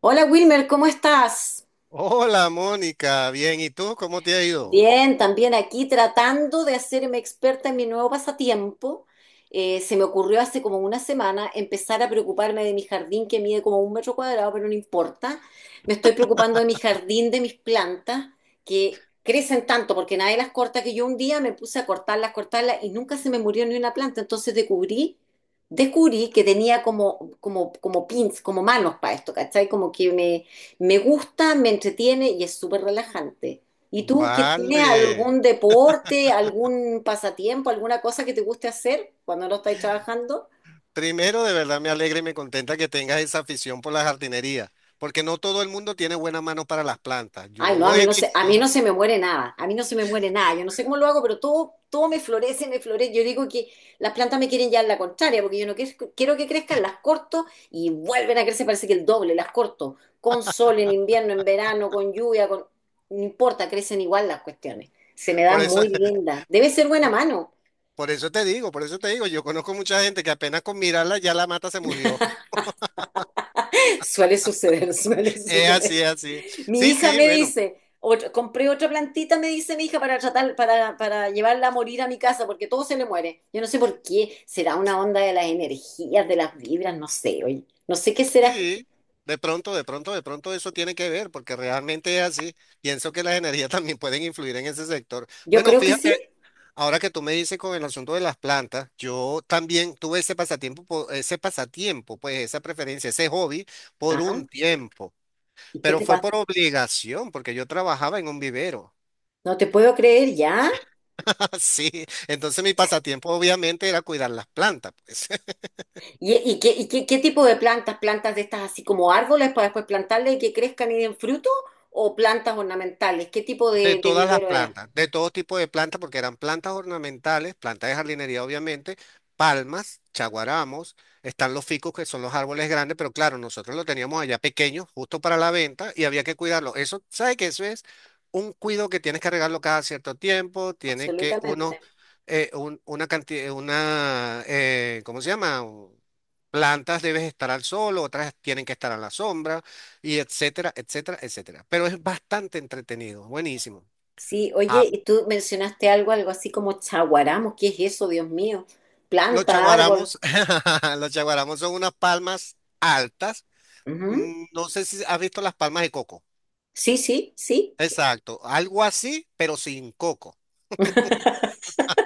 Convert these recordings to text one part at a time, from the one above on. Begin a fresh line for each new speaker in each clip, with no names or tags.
Hola Wilmer, ¿cómo estás?
Hola Mónica, bien, ¿y tú cómo te ha ido?
Bien, también aquí tratando de hacerme experta en mi nuevo pasatiempo. Se me ocurrió hace como una semana empezar a preocuparme de mi jardín que mide como un metro cuadrado, pero no importa. Me estoy preocupando de mi jardín, de mis plantas, que crecen tanto porque nadie las corta, que yo un día me puse a cortarlas, cortarlas y nunca se me murió ni una planta. Entonces descubrí que tenía como pins, como manos para esto, ¿cachai? Como que me gusta, me entretiene y es súper relajante. ¿Y tú que tienes
Vale,
algún deporte, algún pasatiempo, alguna cosa que te guste hacer cuando no estáis trabajando?
primero de verdad me alegra y me contenta que tengas esa afición por la jardinería, porque no todo el mundo tiene buena mano para las plantas.
Ay, no,
Yo he
a mí no
visto,
se me muere nada, a mí no se me muere nada, yo no sé cómo lo hago, pero todo, todo me florece, me florece. Yo digo que las plantas me quieren llevar la contraria, porque yo no quiero, quiero que crezcan, las corto y vuelven a crecer, parece que el doble, las corto, con sol en invierno, en verano, con lluvia, con no importa, crecen igual las cuestiones. Se me
por
dan
eso,
muy lindas. Debe ser buena mano.
por eso te digo, yo conozco mucha gente que apenas con mirarla ya la mata se murió.
Suele suceder, suele
Es así,
suceder.
es así.
Mi
Sí,
hija
sí,
me
bueno,
dice, compré otra plantita, me dice mi hija, para tratar, para llevarla a morir a mi casa, porque todo se le muere. Yo no sé por qué, será una onda de las energías, de las vibras, no sé, oye, no sé qué será.
sí, de pronto eso tiene que ver, porque realmente es así. Pienso que las energías también pueden influir en ese sector.
Yo
Bueno,
creo que
fíjate.
sí.
Ahora que tú me dices con el asunto de las plantas, yo también tuve ese pasatiempo, pues esa preferencia, ese hobby por un
Ajá.
tiempo,
¿Y qué
pero
te
fue por
pasa?
obligación, porque yo trabajaba en un vivero,
No te puedo creer, ¿ya?
así. Entonces mi pasatiempo obviamente era cuidar las plantas, pues.
¿Y qué tipo de plantas? ¿Plantas de estas así como árboles para después plantarle y que crezcan y den fruto? ¿O plantas ornamentales? ¿Qué tipo
De
de
todas las
vivero era?
plantas, de todo tipo de plantas, porque eran plantas ornamentales, plantas de jardinería obviamente, palmas, chaguaramos, están los ficus que son los árboles grandes, pero claro, nosotros lo teníamos allá pequeño, justo para la venta, y había que cuidarlo. Eso, ¿sabe que eso es un cuido que tienes que regarlo cada cierto tiempo? Tiene que uno,
Absolutamente.
una cantidad, una, ¿cómo se llama? Plantas debes estar al sol, otras tienen que estar a la sombra, y etcétera, etcétera, etcétera. Pero es bastante entretenido, buenísimo.
Sí, oye,
Ah,
y tú mencionaste algo, algo así como chaguaramos, ¿qué es eso, Dios mío?
los
Planta, árbol.
chaguaramos, los chaguaramos son unas palmas altas.
Ujú.
No sé si has visto las palmas de coco.
Sí, sí, sí.
Exacto, algo así, pero sin coco.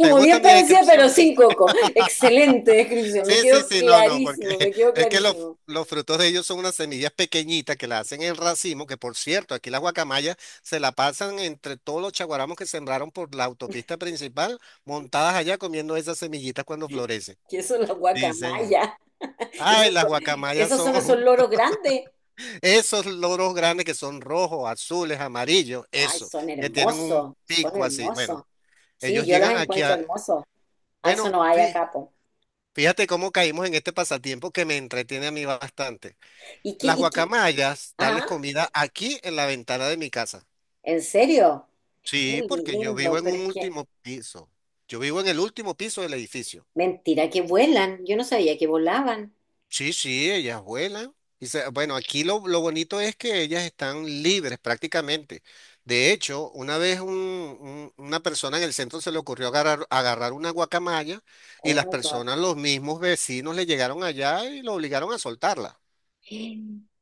¿Te gusta
bien
mi
parecía, pero
descripción? ¿Ves?
sin coco. Excelente descripción, me
Sí, sí,
quedó
sí, no, no, porque
clarísimo, me quedó
es que los,
clarísimo.
los frutos de ellos son unas semillas pequeñitas que las hacen en racimo, que por cierto, aquí las guacamayas se la pasan entre todos los chaguaramos que sembraron por la autopista principal, montadas allá comiendo esas semillitas cuando florecen.
Que eso es la
Sí, señor.
guacamaya.
Ay,
Esos,
las guacamayas
esos son esos
son
loros grandes.
esos loros grandes que son rojos, azules, amarillos,
Ay,
eso,
son
que tienen un
hermosos, son
pico así. Bueno,
hermosos. Sí,
ellos
yo los
llegan aquí
encuentro
a...
hermosos. A eso
Bueno,
no hay acá, po.
fíjate cómo caímos en este pasatiempo que me entretiene a mí bastante.
¿Y qué,
Las
y qué?
guacamayas, darles
Ah,
comida aquí en la ventana de mi casa.
¿en serio? Qué
Sí, porque yo
lindo,
vivo en
pero
un
es que,
último piso. Yo vivo en el último piso del edificio.
mentira, que vuelan. Yo no sabía que volaban.
Sí, sí, ellas vuelan. Bueno, aquí lo bonito es que ellas están libres prácticamente. De hecho, una vez una persona en el centro se le ocurrió agarrar una guacamaya y
Oh
las
my God.
personas, los mismos vecinos, le llegaron allá y lo obligaron a soltarla.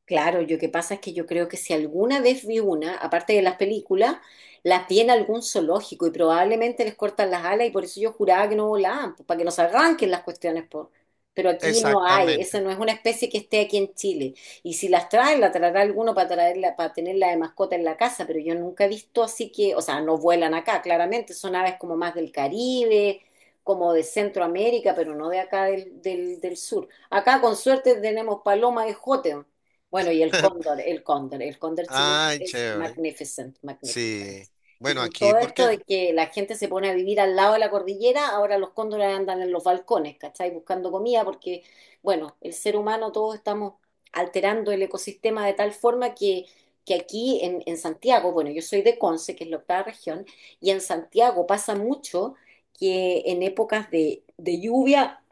Claro, yo que pasa es que yo creo que si alguna vez vi una, aparte de las películas, las vi en algún zoológico y probablemente les cortan las alas y por eso yo juraba que no volaban, pues, para que nos arranquen las cuestiones, pues. Pero aquí no hay, esa
Exactamente.
no es una especie que esté aquí en Chile. Y si las traen, la traerá alguno para traerla, para tenerla de mascota en la casa, pero yo nunca he visto así que, o sea, no vuelan acá, claramente, son aves como más del Caribe, como de Centroamérica, pero no de acá del sur. Acá con suerte tenemos paloma de Jotén. Bueno, y el cóndor, el cóndor chileno
Ay,
es
chévere.
magnificent, magnificent.
Sí.
Y
Bueno,
con
aquí
todo esto
porque,
de que la gente se pone a vivir al lado de la cordillera, ahora los cóndores andan en los balcones, ¿cachai? Buscando comida porque, bueno, el ser humano todos estamos alterando el ecosistema de tal forma que aquí en Santiago, bueno, yo soy de Conce, que es la octava región, y en Santiago pasa mucho que en épocas de lluvia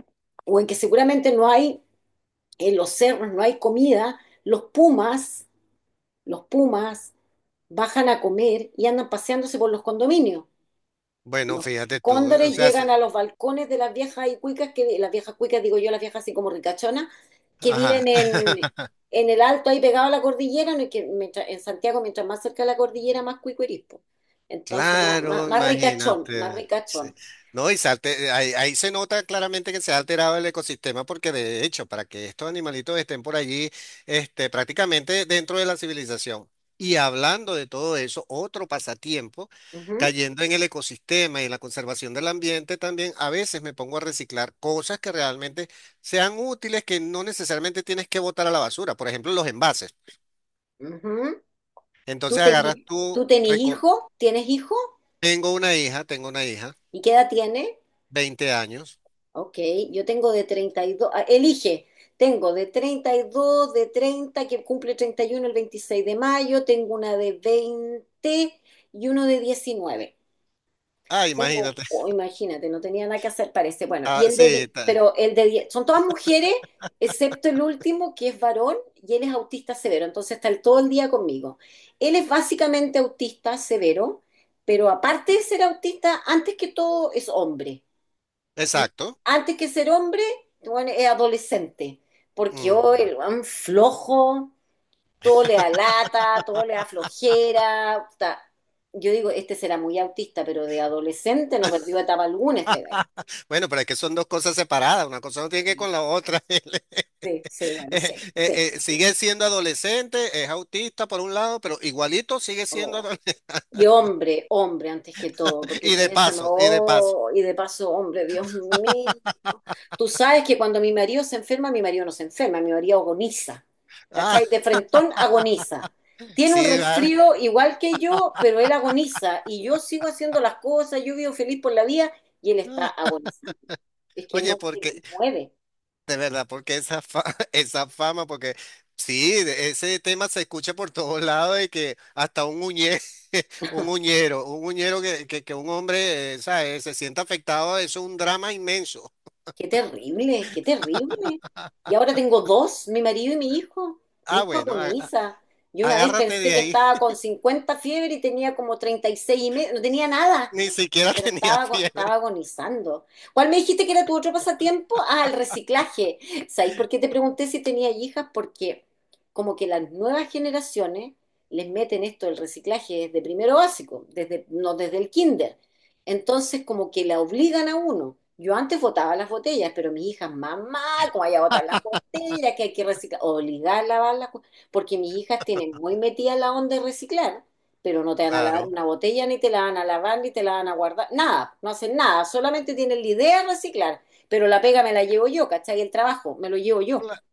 o en que seguramente no hay en los cerros no hay comida, los pumas bajan a comer y andan paseándose por los condominios.
bueno,
Los
fíjate tú, o
cóndores
sea,
llegan a los balcones de las viejas y cuicas, que, las viejas cuicas, digo yo, las viejas así como ricachonas, que
ajá.
viven en, en el alto ahí pegado a la cordillera, no es que en Santiago, mientras más cerca de la cordillera, más cuico eres, po. Entonces, más, más,
Claro,
más ricachón, más
imagínate. Sí.
ricachón.
No, y ahí se nota claramente que se ha alterado el ecosistema porque de hecho, para que estos animalitos estén por allí, este, prácticamente dentro de la civilización. Y hablando de todo eso, otro pasatiempo,
Ujú,
cayendo en el ecosistema y en la conservación del ambiente, también a veces me pongo a reciclar cosas que realmente sean útiles, que no necesariamente tienes que botar a la basura. Por ejemplo, los envases.
ujú. ¿Tú
Entonces
tenés,
agarras tú,
tú tenés hijo? ¿Tienes hijo?
tengo una hija, tengo una hija.
¿Y qué edad tiene?
20 años.
Ok, yo tengo de 32, ah, elige, tengo de 32, de 30 que cumple 31 el 26 de mayo, tengo una de 20 y uno de 19.
Ah,
Tengo,
imagínate.
oh, imagínate, no tenía nada que hacer, parece. Bueno,
Ah, sí,
pero el de 10, son todas mujeres, excepto el último, que es varón, y él es autista severo, entonces está todo el día conmigo. Él es básicamente autista severo, pero aparte de ser autista, antes que todo es hombre. Y
exacto.
antes que ser hombre, bueno, es adolescente, porque hoy
Ujú.
el weón flojo, todo le da lata, todo le da flojera. Puta. Yo digo, este será muy autista, pero de adolescente no perdió etapa alguna este gallo.
Bueno, pero es que son dos cosas separadas, una cosa no tiene que ver con
Sí,
la otra. Él,
sí, sí, bueno,
Eh,
sí, sí.
eh, sigue siendo adolescente, es autista por un lado, pero igualito sigue siendo
Oh.
adolescente.
Y hombre, hombre, antes que todo, porque
Y de
tienes a.
paso, y de paso.
Oh, y de paso, hombre, Dios mío. Tú sabes que cuando mi marido se enferma, mi marido no se enferma, mi marido agoniza.
Ah,
¿Cachai? De frentón agoniza. Tiene un
sí, vale.
resfrío igual que yo, pero él agoniza. Y yo sigo haciendo las cosas, yo vivo feliz por la vida y él está agonizando. Es que
Oye,
no se
porque
mueve.
de verdad, porque esa fama, porque sí, ese tema se escucha por todos lados y que hasta un uñero que un hombre, ¿sabes? Se sienta afectado, eso es un drama inmenso.
Qué terrible, qué terrible. Y ahora tengo dos, mi marido y mi hijo. Mi
Ah,
hijo
bueno,
agoniza. Yo una vez
agárrate
pensé
de
que
ahí,
estaba con 50 fiebre y tenía como 36 y seis y medio, no tenía nada.
ni siquiera
Pero
tenía
estaba, ago-
fiebre.
estaba agonizando. ¿Cuál me dijiste que era tu otro pasatiempo? Ah, el reciclaje. ¿Sabes por qué te pregunté si tenía hijas? Porque como que las nuevas generaciones les meten esto del reciclaje desde primero básico, desde, no desde el kinder. Entonces como que la obligan a uno. Yo antes botaba las botellas, pero mis hijas, mamá, ¿cómo hay a botar las botellas? Que hay que reciclar, obligar a lavarlas, porque mis hijas tienen muy metida la onda de reciclar pero no te van a lavar
Claro,
una botella, ni te la van a lavar, ni te la van a guardar, nada, no hacen nada, solamente tienen la idea de reciclar, pero la pega me la llevo yo, ¿cachai? El trabajo me lo llevo yo,
cla-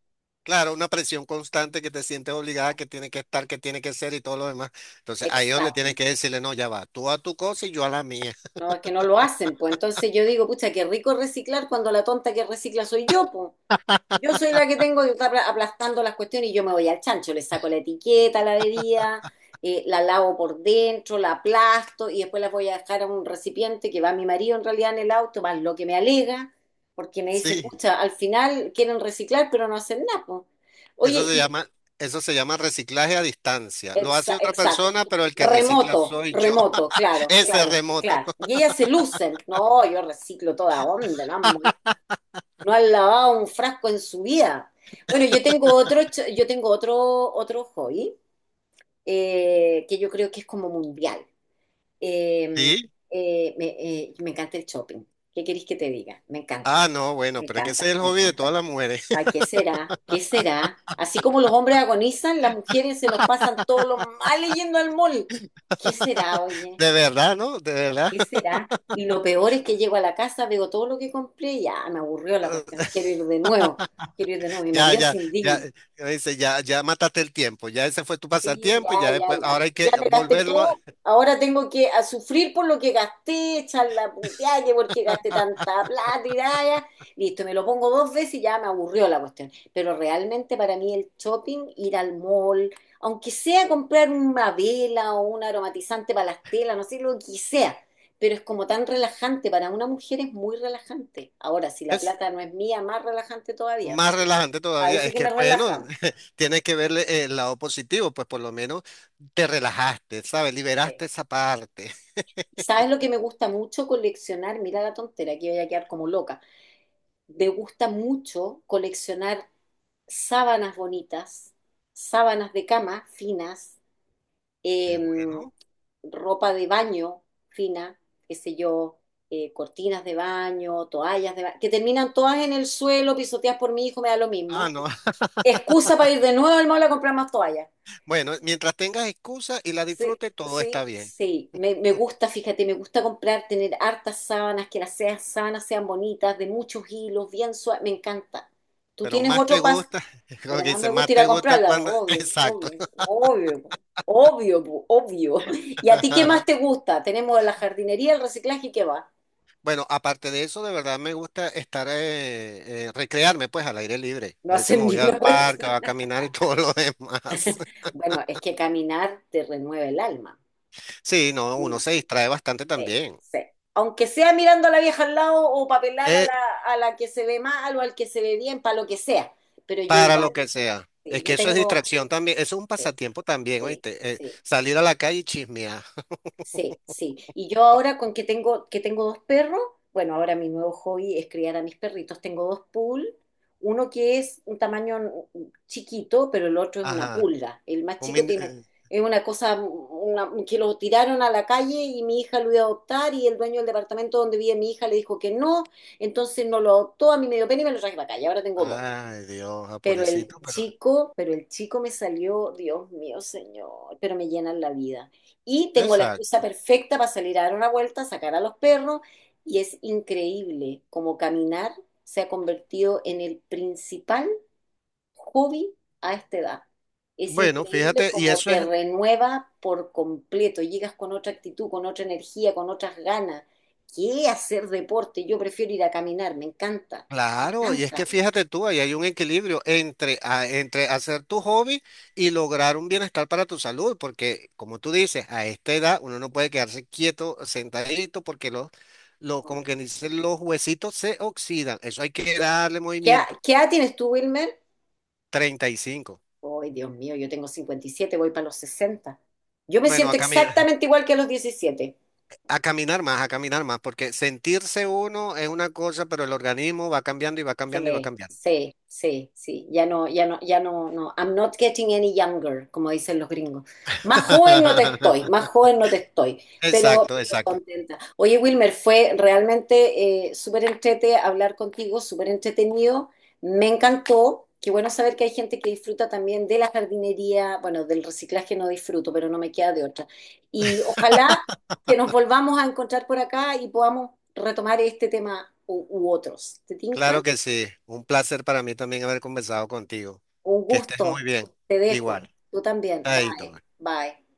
claro, una presión constante que te sientes obligada, que tiene que estar, que tiene que ser y todo lo demás. Entonces, ahí es donde tienes
exacto,
que decirle, no, ya va, tú a tu cosa y yo a la mía.
no, es que no lo hacen, pues entonces yo digo, pucha, qué rico reciclar cuando la tonta que recicla soy yo, pues. Yo soy la que tengo que estar aplastando las cuestiones y yo me voy al chancho, le saco la etiqueta a la bebida, la lavo por dentro, la aplasto y después las voy a dejar a un recipiente que va mi marido en realidad en el auto, más lo que me alega, porque me dice,
Sí.
pucha, al final quieren reciclar pero no hacen nada. Po". Oye,
Eso se
y
llama, eso se llama reciclaje a distancia. Lo hace otra
exacto,
persona, pero el que recicla
remoto,
soy yo.
remoto, claro,
Ese
claro,
remoto.
claro. Y ellas se lucen, no, yo reciclo toda onda, ¿no? No han lavado un frasco en su vida. Bueno, yo tengo otro, ch- yo tengo otro, otro hobby, que yo creo que es como mundial. Eh,
¿Sí?
me encanta el shopping. ¿Qué queréis que te diga? Me encanta,
Ah, no,
me
bueno, pero es que ese
encanta,
es el
me
hobby de todas
encanta.
las mujeres.
Ay, ¿qué será? ¿Qué será? Así como los hombres agonizan, las mujeres se nos pasan todos los males yendo al mall. ¿Qué será, oye?
De verdad, ¿no? De verdad.
¿Qué será? Y lo peor es que llego a la casa, veo todo lo que compré y ya me aburrió la cuestión. Quiero ir de nuevo, quiero ir de nuevo. Mi
Ya,
marido
ya,
se
ya,
indigna.
dice, ya, ya mataste el tiempo. Ya ese fue tu
Sí, ya,
pasatiempo y ya
ya,
después,
ya.
ahora hay
Ya
que
me gasté
volverlo a-
todo. Ahora tengo que a sufrir por lo que gasté, echar la puteada, que porque gasté tanta plata y ya, ya. Listo, me lo pongo dos veces y ya me aburrió la cuestión. Pero realmente para mí el shopping, ir al mall, aunque sea comprar una vela o un aromatizante para las telas, no sé, lo que sea, pero es como tan relajante. Para una mujer es muy relajante. Ahora, si la
Es
plata no es mía, más relajante todavía.
más relajante
Ahí
todavía.
sí
Es
que
que,
me
bueno,
relaja.
tienes que verle el lado positivo, pues por lo menos te relajaste, ¿sabes?
Sí.
Liberaste esa parte.
¿Y sabes lo que me gusta mucho coleccionar? Mira la tontera, que voy a quedar como loca. Me gusta mucho coleccionar sábanas bonitas, sábanas de cama finas,
Qué
eh,
bueno.
ropa de baño fina, qué sé yo, cortinas de baño, toallas de baño, que terminan todas en el suelo, pisoteadas por mi hijo, me da lo
Ah,
mismo.
no.
Excusa para ir de nuevo al mall a comprar más toallas.
Bueno, mientras tengas excusa y la
Sí,
disfrutes, todo está
sí,
bien.
sí. Me gusta, fíjate, me gusta comprar, tener hartas sábanas, sábanas sean bonitas, de muchos hilos, bien suaves. Me encanta. Tú
Pero
tienes
más te
otro pas,
gusta, como
Pero
que
más me
dice,
gusta
más
ir
te
a
gusta
comprarla. Po,
cuando...
obvio,
Exacto.
obvio, obvio, po, obvio, po, obvio. ¿Y a ti qué más te gusta? Tenemos la jardinería, el reciclaje y qué va.
Bueno, aparte de eso, de verdad me gusta estar, recrearme pues al aire libre.
No
A veces me
hacen ni
voy al
una
parque, voy
cuestión.
a caminar y todo lo demás.
Bueno, es que caminar te renueva el alma.
Sí, no, uno se distrae bastante
Sí,
también.
sí. Aunque sea mirando a la vieja al lado o papelar a
Eh,
la, a la que se ve mal o al que se ve bien, para lo que sea. Pero yo
para
igual,
lo que sea. Es
sí,
que
yo
eso es
tengo,
distracción también. Eso es un
sí,
pasatiempo también,
sí,
¿oíste?
sí.
Salir a la calle y chismear.
Sí, sí. Y yo ahora con que tengo dos perros, bueno, ahora mi nuevo hobby es criar a mis perritos. Tengo dos pool, uno que es un tamaño chiquito, pero el otro es una
Ajá.
pulga. El más
Un
chico
min-
tiene,
eh,
Es una cosa que lo tiraron a la calle y mi hija lo iba a adoptar y el dueño del departamento donde vive mi hija le dijo que no, entonces no lo adoptó, a mí me dio pena y me lo traje para acá y ahora tengo dos.
ay, Dios, ah,
Pero
pobrecito,
el
pero...
chico, pero el chico me salió, Dios mío, señor, pero me llenan la vida. Y tengo la
Exacto.
excusa perfecta para salir a dar una vuelta, sacar a los perros, y es increíble cómo caminar se ha convertido en el principal hobby a esta edad. Es
Bueno,
increíble
fíjate, y
cómo
eso
te
es
renueva por completo, llegas con otra actitud, con otra energía, con otras ganas. ¿Qué hacer deporte? Yo prefiero ir a caminar, me encanta, me
claro, y es que
encanta.
fíjate tú, ahí hay un equilibrio entre, entre hacer tu hobby y lograr un bienestar para tu salud, porque como tú dices, a esta edad uno no puede quedarse quieto, sentadito, porque los, como que dicen, los huesitos se oxidan, eso hay que darle
¿Qué, edad-
movimiento.
qué edad tienes tú, Wilmer?
35.
Ay, Dios mío, yo tengo 57, voy para los 60. Yo me
Bueno, a
siento
caminar,
exactamente igual que a los 17.
a caminar más, porque sentirse uno es una cosa, pero el organismo va cambiando y va cambiando y va
Sí,
cambiando.
sí, sí, sí. Ya no, ya no, ya no, no. I'm not getting any younger, como dicen los gringos. Más joven no te estoy, más joven no te estoy, pero,
Exacto,
pero
exacto.
contenta. Oye, Wilmer, fue realmente súper entrete hablar contigo, súper entretenido. Me encantó. Qué bueno saber que hay gente que disfruta también de la jardinería. Bueno, del reciclaje no disfruto, pero no me queda de otra. Y ojalá que nos volvamos a encontrar por acá y podamos retomar este tema u otros. ¿Te tinca?
Claro que sí. Un placer para mí también haber conversado contigo.
Un
Que estés muy
gusto.
bien.
Te dejo.
Igual.
Tú también.
Ahí,
Bye. Bye.